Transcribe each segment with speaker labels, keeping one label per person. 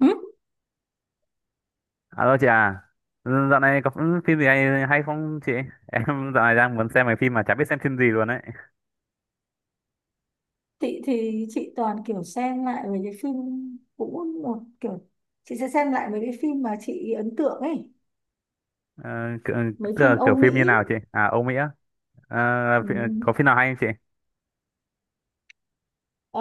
Speaker 1: Ừ.
Speaker 2: Alo chị à, ừ, dạo này có phim gì hay, hay không chị? Em dạo này đang muốn xem mấy phim mà chả biết xem phim gì luôn đấy.
Speaker 1: Chị thì chị toàn kiểu xem lại về cái phim cũ một kiểu, chị sẽ xem lại mấy cái phim mà chị ấn tượng ấy,
Speaker 2: Ờ, kiểu,
Speaker 1: mấy
Speaker 2: tức
Speaker 1: phim
Speaker 2: là
Speaker 1: Âu
Speaker 2: kiểu phim như
Speaker 1: Mỹ.
Speaker 2: nào chị? À, Âu Mỹ á. Ờ,
Speaker 1: Ừ.
Speaker 2: có phim nào hay không chị?
Speaker 1: ờ,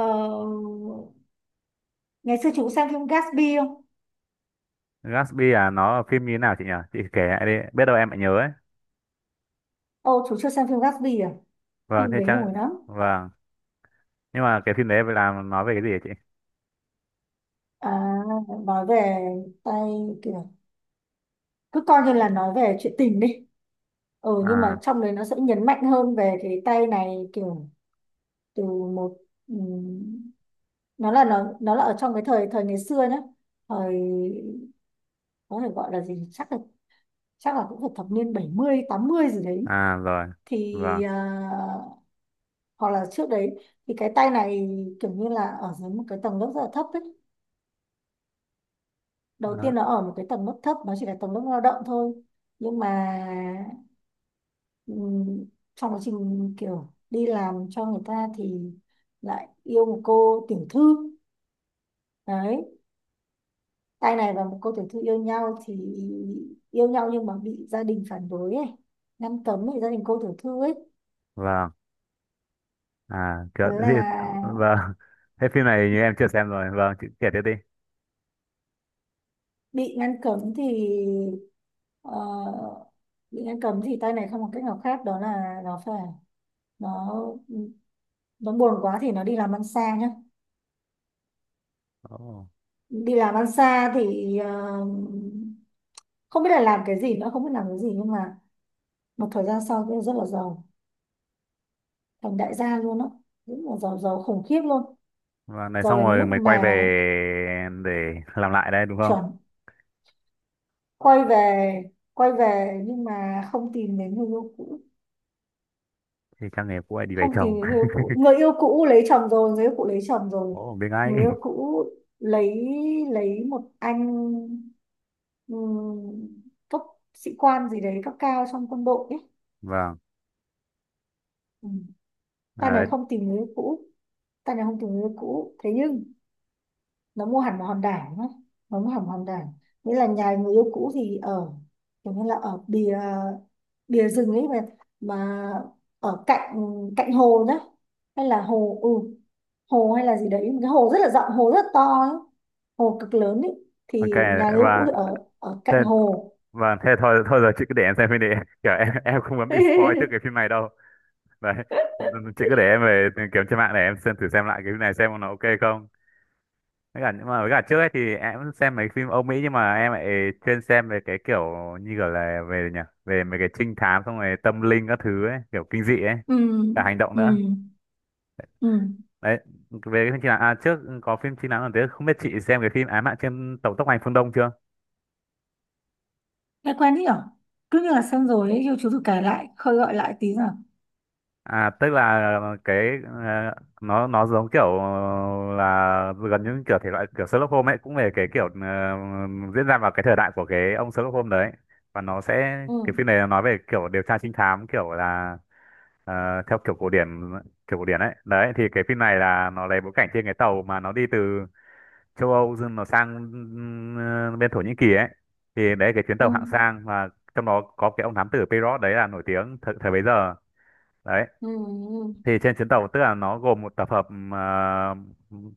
Speaker 1: Ngày xưa chị cũng xem phim Gatsby không?
Speaker 2: Gatsby à, nó là phim như thế nào chị nhỉ? Chị kể lại đi, biết đâu em lại nhớ ấy.
Speaker 1: Ồ, chú chưa xem phim Gatsby à?
Speaker 2: Vâng,
Speaker 1: Phim
Speaker 2: thế
Speaker 1: đấy
Speaker 2: chắc,
Speaker 1: nổi lắm.
Speaker 2: vâng. Nhưng mà cái phim đấy là nói về cái gì hả chị?
Speaker 1: À, nói về tay, kiểu cứ coi như là nói về chuyện tình đi. Ừ, nhưng mà
Speaker 2: À,
Speaker 1: trong đấy nó sẽ nhấn mạnh hơn về cái tay này, kiểu từ một ừ, nó là nó là ở trong cái thời thời ngày xưa nhá. Thời có thể gọi là gì, chắc là cũng phải thập niên 70 80 gì đấy.
Speaker 2: à rồi,
Speaker 1: Thì
Speaker 2: vâng.
Speaker 1: hoặc là trước đấy thì cái tay này kiểu như là ở dưới một cái tầng lớp rất là thấp ấy. Đầu
Speaker 2: Đó.
Speaker 1: tiên nó ở một cái tầng lớp thấp, nó chỉ là tầng lớp lao động thôi, nhưng mà ừm, trong quá trình kiểu đi làm cho người ta thì lại yêu một cô tiểu thư. Đấy, anh này và một cô tiểu thư yêu nhau, thì yêu nhau nhưng mà bị gia đình phản đối ấy, ngăn cấm ấy, gia đình cô tiểu thư ấy.
Speaker 2: Vâng, à, kiểu,
Speaker 1: Thế
Speaker 2: thì,
Speaker 1: là
Speaker 2: vâng. Thế phim này như em chưa xem rồi, vâng, chị kể tiếp đi.
Speaker 1: bị ngăn cấm thì ờ, bị ngăn cấm thì tay này không có cách nào khác, đó là nó nó buồn quá thì nó đi làm ăn xa nhá.
Speaker 2: Ồ.
Speaker 1: Đi làm ăn xa thì không biết là làm cái gì nữa, không biết làm cái gì, nhưng mà một thời gian sau thì rất là giàu, thành đại gia luôn á, rất là giàu, giàu khủng khiếp luôn.
Speaker 2: Và này
Speaker 1: Giàu
Speaker 2: xong
Speaker 1: đến cái
Speaker 2: rồi
Speaker 1: mức
Speaker 2: mày quay về
Speaker 1: mà
Speaker 2: để làm lại đây đúng không?
Speaker 1: chuẩn. Quay về, nhưng mà không tìm đến người yêu cũ,
Speaker 2: Thì trang nghề cũ lại đi về
Speaker 1: không tìm
Speaker 2: chồng.
Speaker 1: đến người yêu cũ. Người yêu cũ lấy chồng rồi, người yêu cũ lấy chồng rồi.
Speaker 2: Ồ, biết ngay.
Speaker 1: Người yêu cũ lấy lấy một anh ừm, cấp sĩ quan gì đấy, cấp cao trong quân đội ấy.
Speaker 2: Vâng.
Speaker 1: Ừ. Ta
Speaker 2: À,
Speaker 1: này
Speaker 2: đấy.
Speaker 1: không tìm người yêu cũ, ta này không tìm người yêu cũ thế nhưng nó mua hẳn một hòn đảo ấy. Nó mua hẳn một hòn đảo, nghĩa là nhà người yêu cũ thì ở kiểu như là ở bìa bìa rừng ấy, mà ở cạnh cạnh hồ nhá, hay là hồ, hồ hay là gì đấy, một cái hồ rất là rộng, hồ rất là to ấy, hồ cực lớn ấy.
Speaker 2: Ok.
Speaker 1: Thì nhà người yêu cũ
Speaker 2: Và
Speaker 1: thì ở ở
Speaker 2: thế,
Speaker 1: cạnh hồ.
Speaker 2: và thế thôi thôi giờ chị cứ để em xem phim đi. Kiểu em không muốn bị spoil trước cái phim này đâu. Đấy. Chị cứ để em về kiếm trên mạng để em xem thử xem lại cái phim này xem nó ok không. Với cả nhưng mà với cả trước ấy thì em xem mấy phim Âu Mỹ nhưng mà em lại chuyên xem về cái kiểu như kiểu là về nhỉ, về mấy cái trinh thám xong rồi tâm linh các thứ ấy, kiểu kinh dị ấy,
Speaker 1: Ừ.
Speaker 2: cả hành động
Speaker 1: Ừ.
Speaker 2: nữa.
Speaker 1: Ừ.
Speaker 2: Đấy, về cái phim chính nắng à, trước có phim chính nắng còn thế không biết chị xem cái phim Ám ảnh trên tàu tốc hành phương Đông chưa.
Speaker 1: Nghe quen nhỉ, cứ như là xem rồi ấy, yêu chú thử kể lại khơi gọi lại tí nào.
Speaker 2: À tức là cái ờ, nó giống kiểu là gần như kiểu thể loại kiểu Sherlock Holmes ấy, cũng về cái kiểu diễn ra vào cái thời đại của cái ông Sherlock Holmes đấy, và nó sẽ cái phim
Speaker 1: Ừ.
Speaker 2: này nó nói về kiểu điều tra trinh thám kiểu là ờ, theo kiểu cổ điển, kiểu cổ điển ấy. Đấy thì cái phim này là nó lấy bối cảnh trên cái tàu mà nó đi từ châu Âu dừng nó sang bên Thổ Nhĩ Kỳ ấy, thì đấy cái chuyến tàu hạng
Speaker 1: Ừ.
Speaker 2: sang, và trong đó có cái ông thám tử Pirot đấy là nổi tiếng thời bấy giờ đấy.
Speaker 1: Ừ.
Speaker 2: Thì trên chuyến tàu tức là nó gồm một tập hợp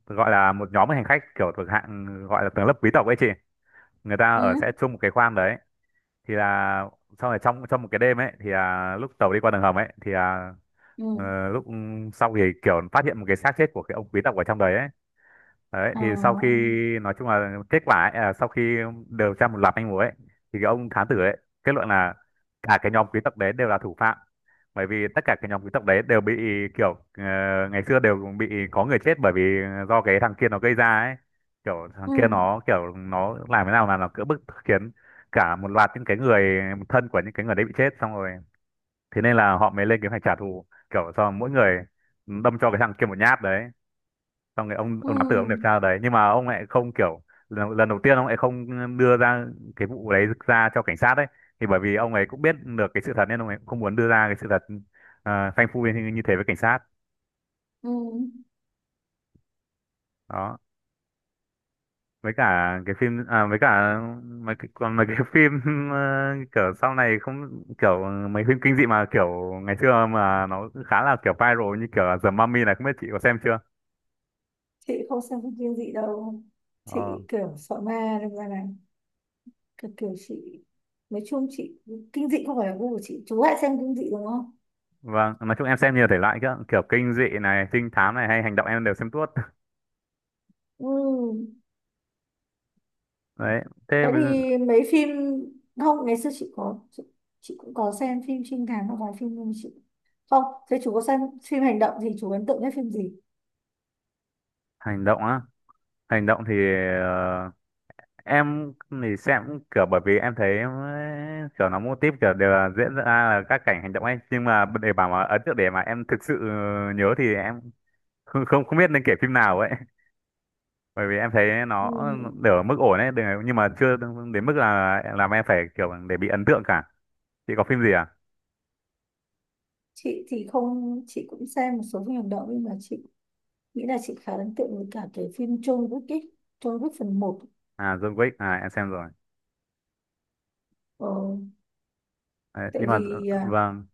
Speaker 2: gọi là một nhóm hành khách kiểu thuộc hạng gọi là tầng lớp quý tộc ấy chị, người ta
Speaker 1: Ừ.
Speaker 2: ở sẽ
Speaker 1: Ừ.
Speaker 2: chung một cái khoang đấy. Thì là sau này trong trong một cái đêm ấy thì là lúc tàu đi qua đường hầm ấy thì là
Speaker 1: Ừ.
Speaker 2: lúc sau thì kiểu phát hiện một cái xác chết của cái ông quý tộc ở trong đấy ấy. Đấy,
Speaker 1: Ờ.
Speaker 2: thì sau khi nói chung là kết quả ấy, à, sau khi điều tra một loạt manh mối ấy, thì cái ông thám tử ấy kết luận là cả cái nhóm quý tộc đấy đều là thủ phạm, bởi vì tất cả cái nhóm quý tộc đấy đều bị kiểu ờ, ngày xưa đều bị có người chết bởi vì do cái thằng kia nó gây ra ấy, kiểu thằng
Speaker 1: Ừ.
Speaker 2: kia nó kiểu nó làm thế nào là nó cưỡng bức khiến cả một loạt những cái người thân của những cái người đấy bị chết, xong rồi thế nên là họ mới lên kế hoạch trả thù, kiểu cho mỗi người đâm cho cái thằng kia một nhát đấy. Xong rồi ông
Speaker 1: Ừ.
Speaker 2: ông nắm tử ông điều tra đấy nhưng mà ông lại không kiểu lần đầu tiên ông lại không đưa ra cái vụ đấy ra cho cảnh sát đấy, thì bởi vì ông ấy cũng biết được cái sự thật nên ông ấy cũng không muốn đưa ra cái sự thật, phanh phui như thế với cảnh sát.
Speaker 1: Ừ.
Speaker 2: Đó, với cả cái phim à, với cả mấy cái, còn mấy cái phim kiểu sau này không kiểu mấy phim kinh dị mà kiểu ngày xưa mà nó khá là kiểu viral như kiểu là The Mummy này không biết chị có xem chưa.
Speaker 1: Chị không xem phim kinh dị đâu.
Speaker 2: Ờ.
Speaker 1: Chị kiểu sợ ma nên ra là kiểu chị, nói chung chị, kinh dị không phải là gu của chị. Chú lại xem kinh dị đúng không?
Speaker 2: Vâng, nói chung em xem nhiều thể loại cơ, kiểu kinh dị này, trinh thám này hay hành động em đều xem tuốt.
Speaker 1: Ừ.
Speaker 2: Đấy, thế
Speaker 1: Thế
Speaker 2: bây giờ-
Speaker 1: thì mấy phim, không, ngày xưa chị có chị cũng có xem phim trinh thám và vài phim, nhưng mà chị không. Thế chú có xem phim hành động thì chú ấn tượng nhất phim gì?
Speaker 2: hành động á, hành động thì ờ, em thì xem cũng kiểu bởi vì em thấy ấy, kiểu nó mô típ kiểu đều là diễn ra là các cảnh hành động ấy nhưng mà để bảo mà ấn tượng để mà em thực sự nhớ thì em không không không biết nên kể phim nào ấy bởi vì em thấy
Speaker 1: Ừ.
Speaker 2: nó đều ở mức ổn ấy đều- nhưng mà chưa đến mức là làm em phải kiểu để bị ấn tượng cả. Chị có phim gì à.
Speaker 1: Chị thì không, chị cũng xem một số phim hành động nhưng mà chị nghĩ là chị khá ấn tượng với cả cái phim John Wick ấy. John Wick phần một.
Speaker 2: À John Wick à em xem rồi,
Speaker 1: ờ,
Speaker 2: đấy,
Speaker 1: Tại
Speaker 2: nhưng mà ờ,
Speaker 1: vì
Speaker 2: vâng.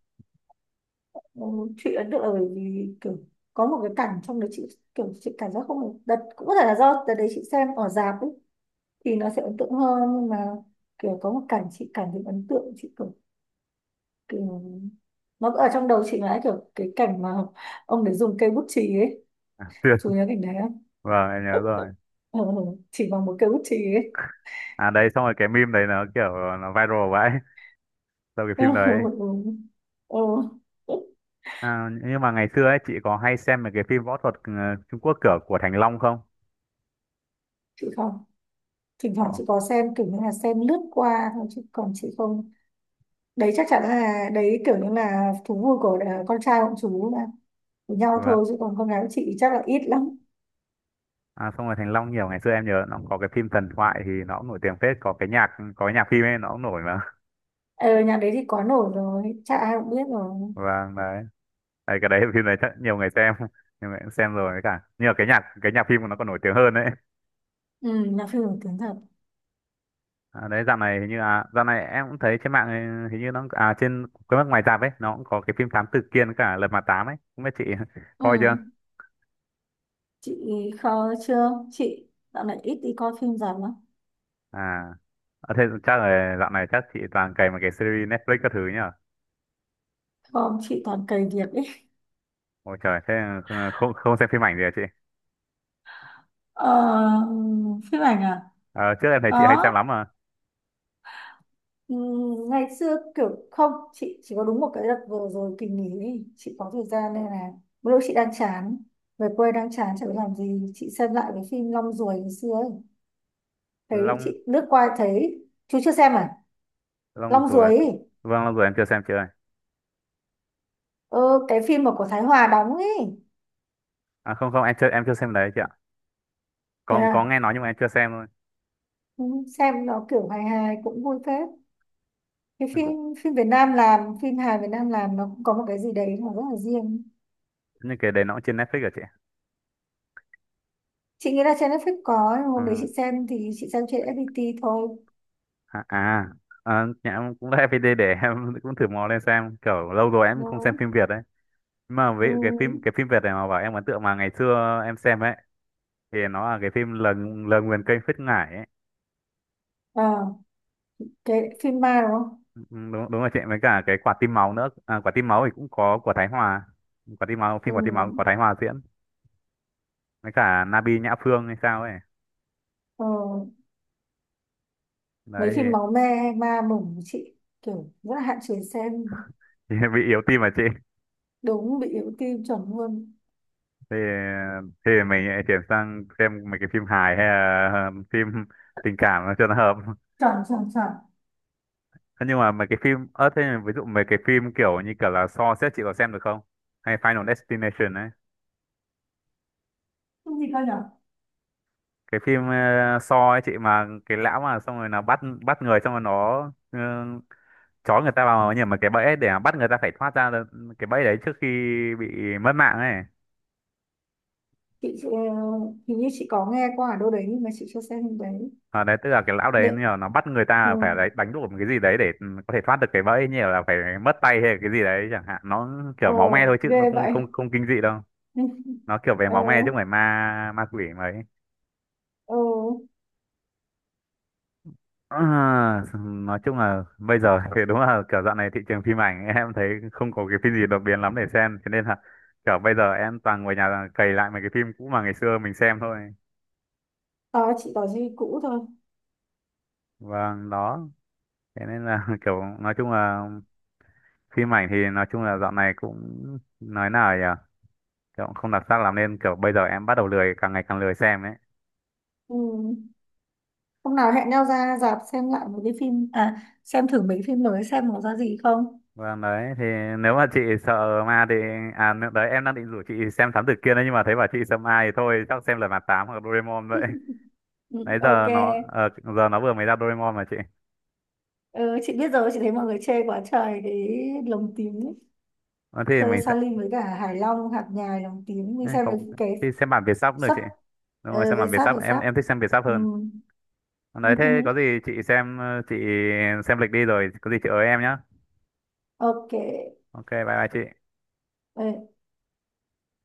Speaker 1: Ừ, chị ấn tượng là bởi vì kiểu có một cái cảnh trong đấy chị kiểu, chị cảm giác không, đợt cũng có thể là do đợt đấy chị xem ở rạp ấy thì nó sẽ ấn tượng hơn, nhưng mà kiểu có một cảnh chị cảm thấy ấn tượng, chị kiểu, kiểu nó ở trong đầu chị mãi, kiểu cái cảnh mà ông đấy dùng cây bút chì ấy. Chú nhớ cảnh đấy không?
Speaker 2: Vâng em nhớ rồi.
Speaker 1: Ừ, chỉ bằng một cây bút chì ấy.
Speaker 2: À đấy xong rồi cái meme đấy nó kiểu nó viral vậy sau cái phim đấy.
Speaker 1: Ừ. Ừ.
Speaker 2: À, nhưng mà ngày xưa ấy chị có hay xem mấy cái phim võ thuật Trung Quốc kiểu của Thành Long không?
Speaker 1: Chị không. Thỉnh thoảng
Speaker 2: Ồ,
Speaker 1: chị có xem kiểu như là xem lướt qua thôi, chứ còn chị không. Đấy chắc chắn là đấy kiểu như là thú vui của con trai, bọn chú là của nhau
Speaker 2: vâng.
Speaker 1: thôi, chứ còn con gái của chị chắc là ít lắm.
Speaker 2: À, xong rồi Thành Long nhiều ngày xưa em nhớ nó cũng có cái phim Thần Thoại thì nó cũng nổi tiếng phết, có cái nhạc, có cái nhạc phim ấy nó cũng nổi mà.
Speaker 1: Ờ Nhà đấy thì quá nổi rồi, chắc ai cũng biết rồi.
Speaker 2: Vâng đấy, đấy cái đấy phim đấy chắc nhiều người xem nhiều người cũng xem rồi, với cả nhưng mà cái nhạc phim của nó còn nổi tiếng hơn đấy.
Speaker 1: Ừ, là phim nổi tiếng thật.
Speaker 2: À, đấy dạo này hình như à dạo này em cũng thấy trên mạng ấy, hình như nó à trên cái mắt ngoài rạp ấy nó cũng có cái phim Thám Tử Kiên với cả Lật Mặt Tám ấy không biết chị
Speaker 1: Ừ.
Speaker 2: coi chưa.
Speaker 1: Chị khó chưa chị, dạo này ít đi coi phim rạp lắm.
Speaker 2: À. À, thế chắc là dạo này chắc chị toàn cày mấy cái series Netflix các thứ nhỉ?
Speaker 1: Không, chị toàn cày việc ấy.
Speaker 2: Ôi trời, thế không không xem phim ảnh gì hả chị?
Speaker 1: ờ, Phim ảnh à,
Speaker 2: À, trước em thấy chị hay xem
Speaker 1: có.
Speaker 2: lắm mà.
Speaker 1: Ừ, ngày xưa kiểu không, chị chỉ có đúng một cái đợt vừa rồi kỳ nghỉ ấy, chị có thời gian nên là mỗi lúc chị đang chán, về quê đang chán chẳng biết làm gì, chị xem lại cái phim Long Ruồi ngày xưa ấy. Thấy
Speaker 2: Long,
Speaker 1: chị lướt qua thấy chú chưa xem à?
Speaker 2: Long
Speaker 1: Long
Speaker 2: rồi,
Speaker 1: Ruồi ấy.
Speaker 2: vâng Long rồi em chưa xem chị ơi.
Speaker 1: ờ, cái phim mà của Thái Hòa đóng ấy.
Speaker 2: À không không em chưa em chưa xem đấy chị ạ.
Speaker 1: Thế à.
Speaker 2: Có nghe nói nhưng mà em chưa xem thôi.
Speaker 1: Ừ, xem nó kiểu hài hài cũng vui phết cái
Speaker 2: Em
Speaker 1: phim,
Speaker 2: cũng
Speaker 1: phim Việt Nam làm, phim hài Việt Nam làm, nó cũng có một cái gì đấy mà rất là riêng.
Speaker 2: những cái đấy nó cũng trên Netflix hả chị?
Speaker 1: Chị nghĩ là trên Netflix có, nhưng hôm đấy chị
Speaker 2: Ừ.
Speaker 1: xem thì chị xem trên FPT thôi.
Speaker 2: À, à, à nhà em cũng là FPT để em cũng thử mò lên xem. Kiểu lâu rồi em không xem
Speaker 1: Đó.
Speaker 2: phim Việt đấy. Nhưng mà
Speaker 1: Ừ.
Speaker 2: với cái phim Việt này mà bảo em ấn tượng mà ngày xưa em xem ấy thì nó là cái phim Lời, Lời Nguyền Kênh Phết Ngải ấy.
Speaker 1: À, cái phim ma đúng không?
Speaker 2: Ừ, đúng đúng là chị với cả cái quả tim máu nữa, à, quả tim máu thì cũng có của Thái Hòa, quả tim máu
Speaker 1: Ừ.
Speaker 2: phim quả tim máu của Thái Hòa diễn với cả Nabi Nhã Phương hay sao ấy,
Speaker 1: Ờ, Mấy
Speaker 2: đấy
Speaker 1: phim máu me ma mủng của chị kiểu rất là hạn chế xem.
Speaker 2: thì bị yếu tim mà chị,
Speaker 1: Đúng, bị yếu tim chuẩn luôn.
Speaker 2: thì thì mình lại chuyển sang xem mấy cái phim hài hay là phim tình cảm nó cho nó hợp.
Speaker 1: Chuẩn chuẩn chuẩn.
Speaker 2: Thế nhưng mà mấy cái phim ớt thế ví dụ mấy cái phim kiểu như kiểu là Saw xếp chị có xem được không, hay Final Destination ấy,
Speaker 1: Cái gì cơ nhở?
Speaker 2: cái phim Saw ấy chị, mà cái lão mà xong rồi nó bắt bắt người, xong rồi nó chó người ta vào nhưng mà cái bẫy để mà bắt người ta phải thoát ra được cái bẫy đấy trước khi bị mất mạng ấy.
Speaker 1: Chị hình như chị có nghe qua ở đâu đấy nhưng mà chị chưa xem phim đấy.
Speaker 2: À, đấy tức là cái lão đấy như
Speaker 1: Điện.
Speaker 2: là nó bắt người
Speaker 1: Ừ.
Speaker 2: ta phải đấy đánh đổ một cái gì đấy để ừ, có thể thoát được cái bẫy như là phải mất tay hay là cái gì đấy chẳng hạn, nó kiểu
Speaker 1: ờ
Speaker 2: máu me thôi chứ nó
Speaker 1: Ghê
Speaker 2: không
Speaker 1: vậy.
Speaker 2: không không kinh dị đâu,
Speaker 1: Ừ.
Speaker 2: nó kiểu về
Speaker 1: Ờ.
Speaker 2: máu me chứ không phải ma ma quỷ mấy.
Speaker 1: Ờ.
Speaker 2: Ờ, nói chung là bây giờ thì đúng là kiểu dạo này thị trường phim ảnh em thấy không có cái phim gì đột biến lắm để xem, cho nên là kiểu bây giờ em toàn ngồi nhà cày lại mấy cái phim cũ mà ngày xưa mình xem thôi.
Speaker 1: Ờ. Chị có gì cũ thôi.
Speaker 2: Vâng đó, thế nên là kiểu nói chung là phim ảnh thì nói chung là dạo này cũng nói nào nhỉ, kiểu cũng không đặc sắc lắm nên kiểu bây giờ em bắt đầu lười càng ngày càng lười xem ấy.
Speaker 1: Ừ. Hôm nào hẹn nhau ra rạp xem lại một cái phim, à xem thử mấy phim mới xem nó ra gì không.
Speaker 2: Vâng đấy, thì nếu mà chị sợ ma thì à nếu- đấy em đang định rủ chị xem Thám Tử Kiên đấy nhưng mà thấy bảo chị sợ ma thì thôi chắc xem Lật Mặt Tám hoặc Doraemon vậy.
Speaker 1: Ừ.
Speaker 2: Đấy
Speaker 1: Ok.
Speaker 2: giờ nó giờ nó vừa mới ra Doraemon mà chị.
Speaker 1: Ừ, chị biết rồi, chị thấy mọi người chê quá trời cái lồng tím ấy.
Speaker 2: Ờ, thì
Speaker 1: Thuê
Speaker 2: mình sẽ
Speaker 1: Sa với cả Hải Long, hạt nhài lồng tím. Mình
Speaker 2: ấy,
Speaker 1: xem
Speaker 2: cậu
Speaker 1: được cái
Speaker 2: thì xem bản Việt sắp cũng được
Speaker 1: sắp,
Speaker 2: chị, đúng rồi
Speaker 1: ờ,
Speaker 2: xem
Speaker 1: về
Speaker 2: bản Việt
Speaker 1: sắp,
Speaker 2: sắp
Speaker 1: về
Speaker 2: em
Speaker 1: sắp.
Speaker 2: em thích xem Việt sắp
Speaker 1: Ừ.
Speaker 2: hơn. Ờ, đấy thế có gì chị xem chị xem lịch đi rồi có gì chị ới em nhé.
Speaker 1: Ok.
Speaker 2: Ok bye bye chị.
Speaker 1: Ừ.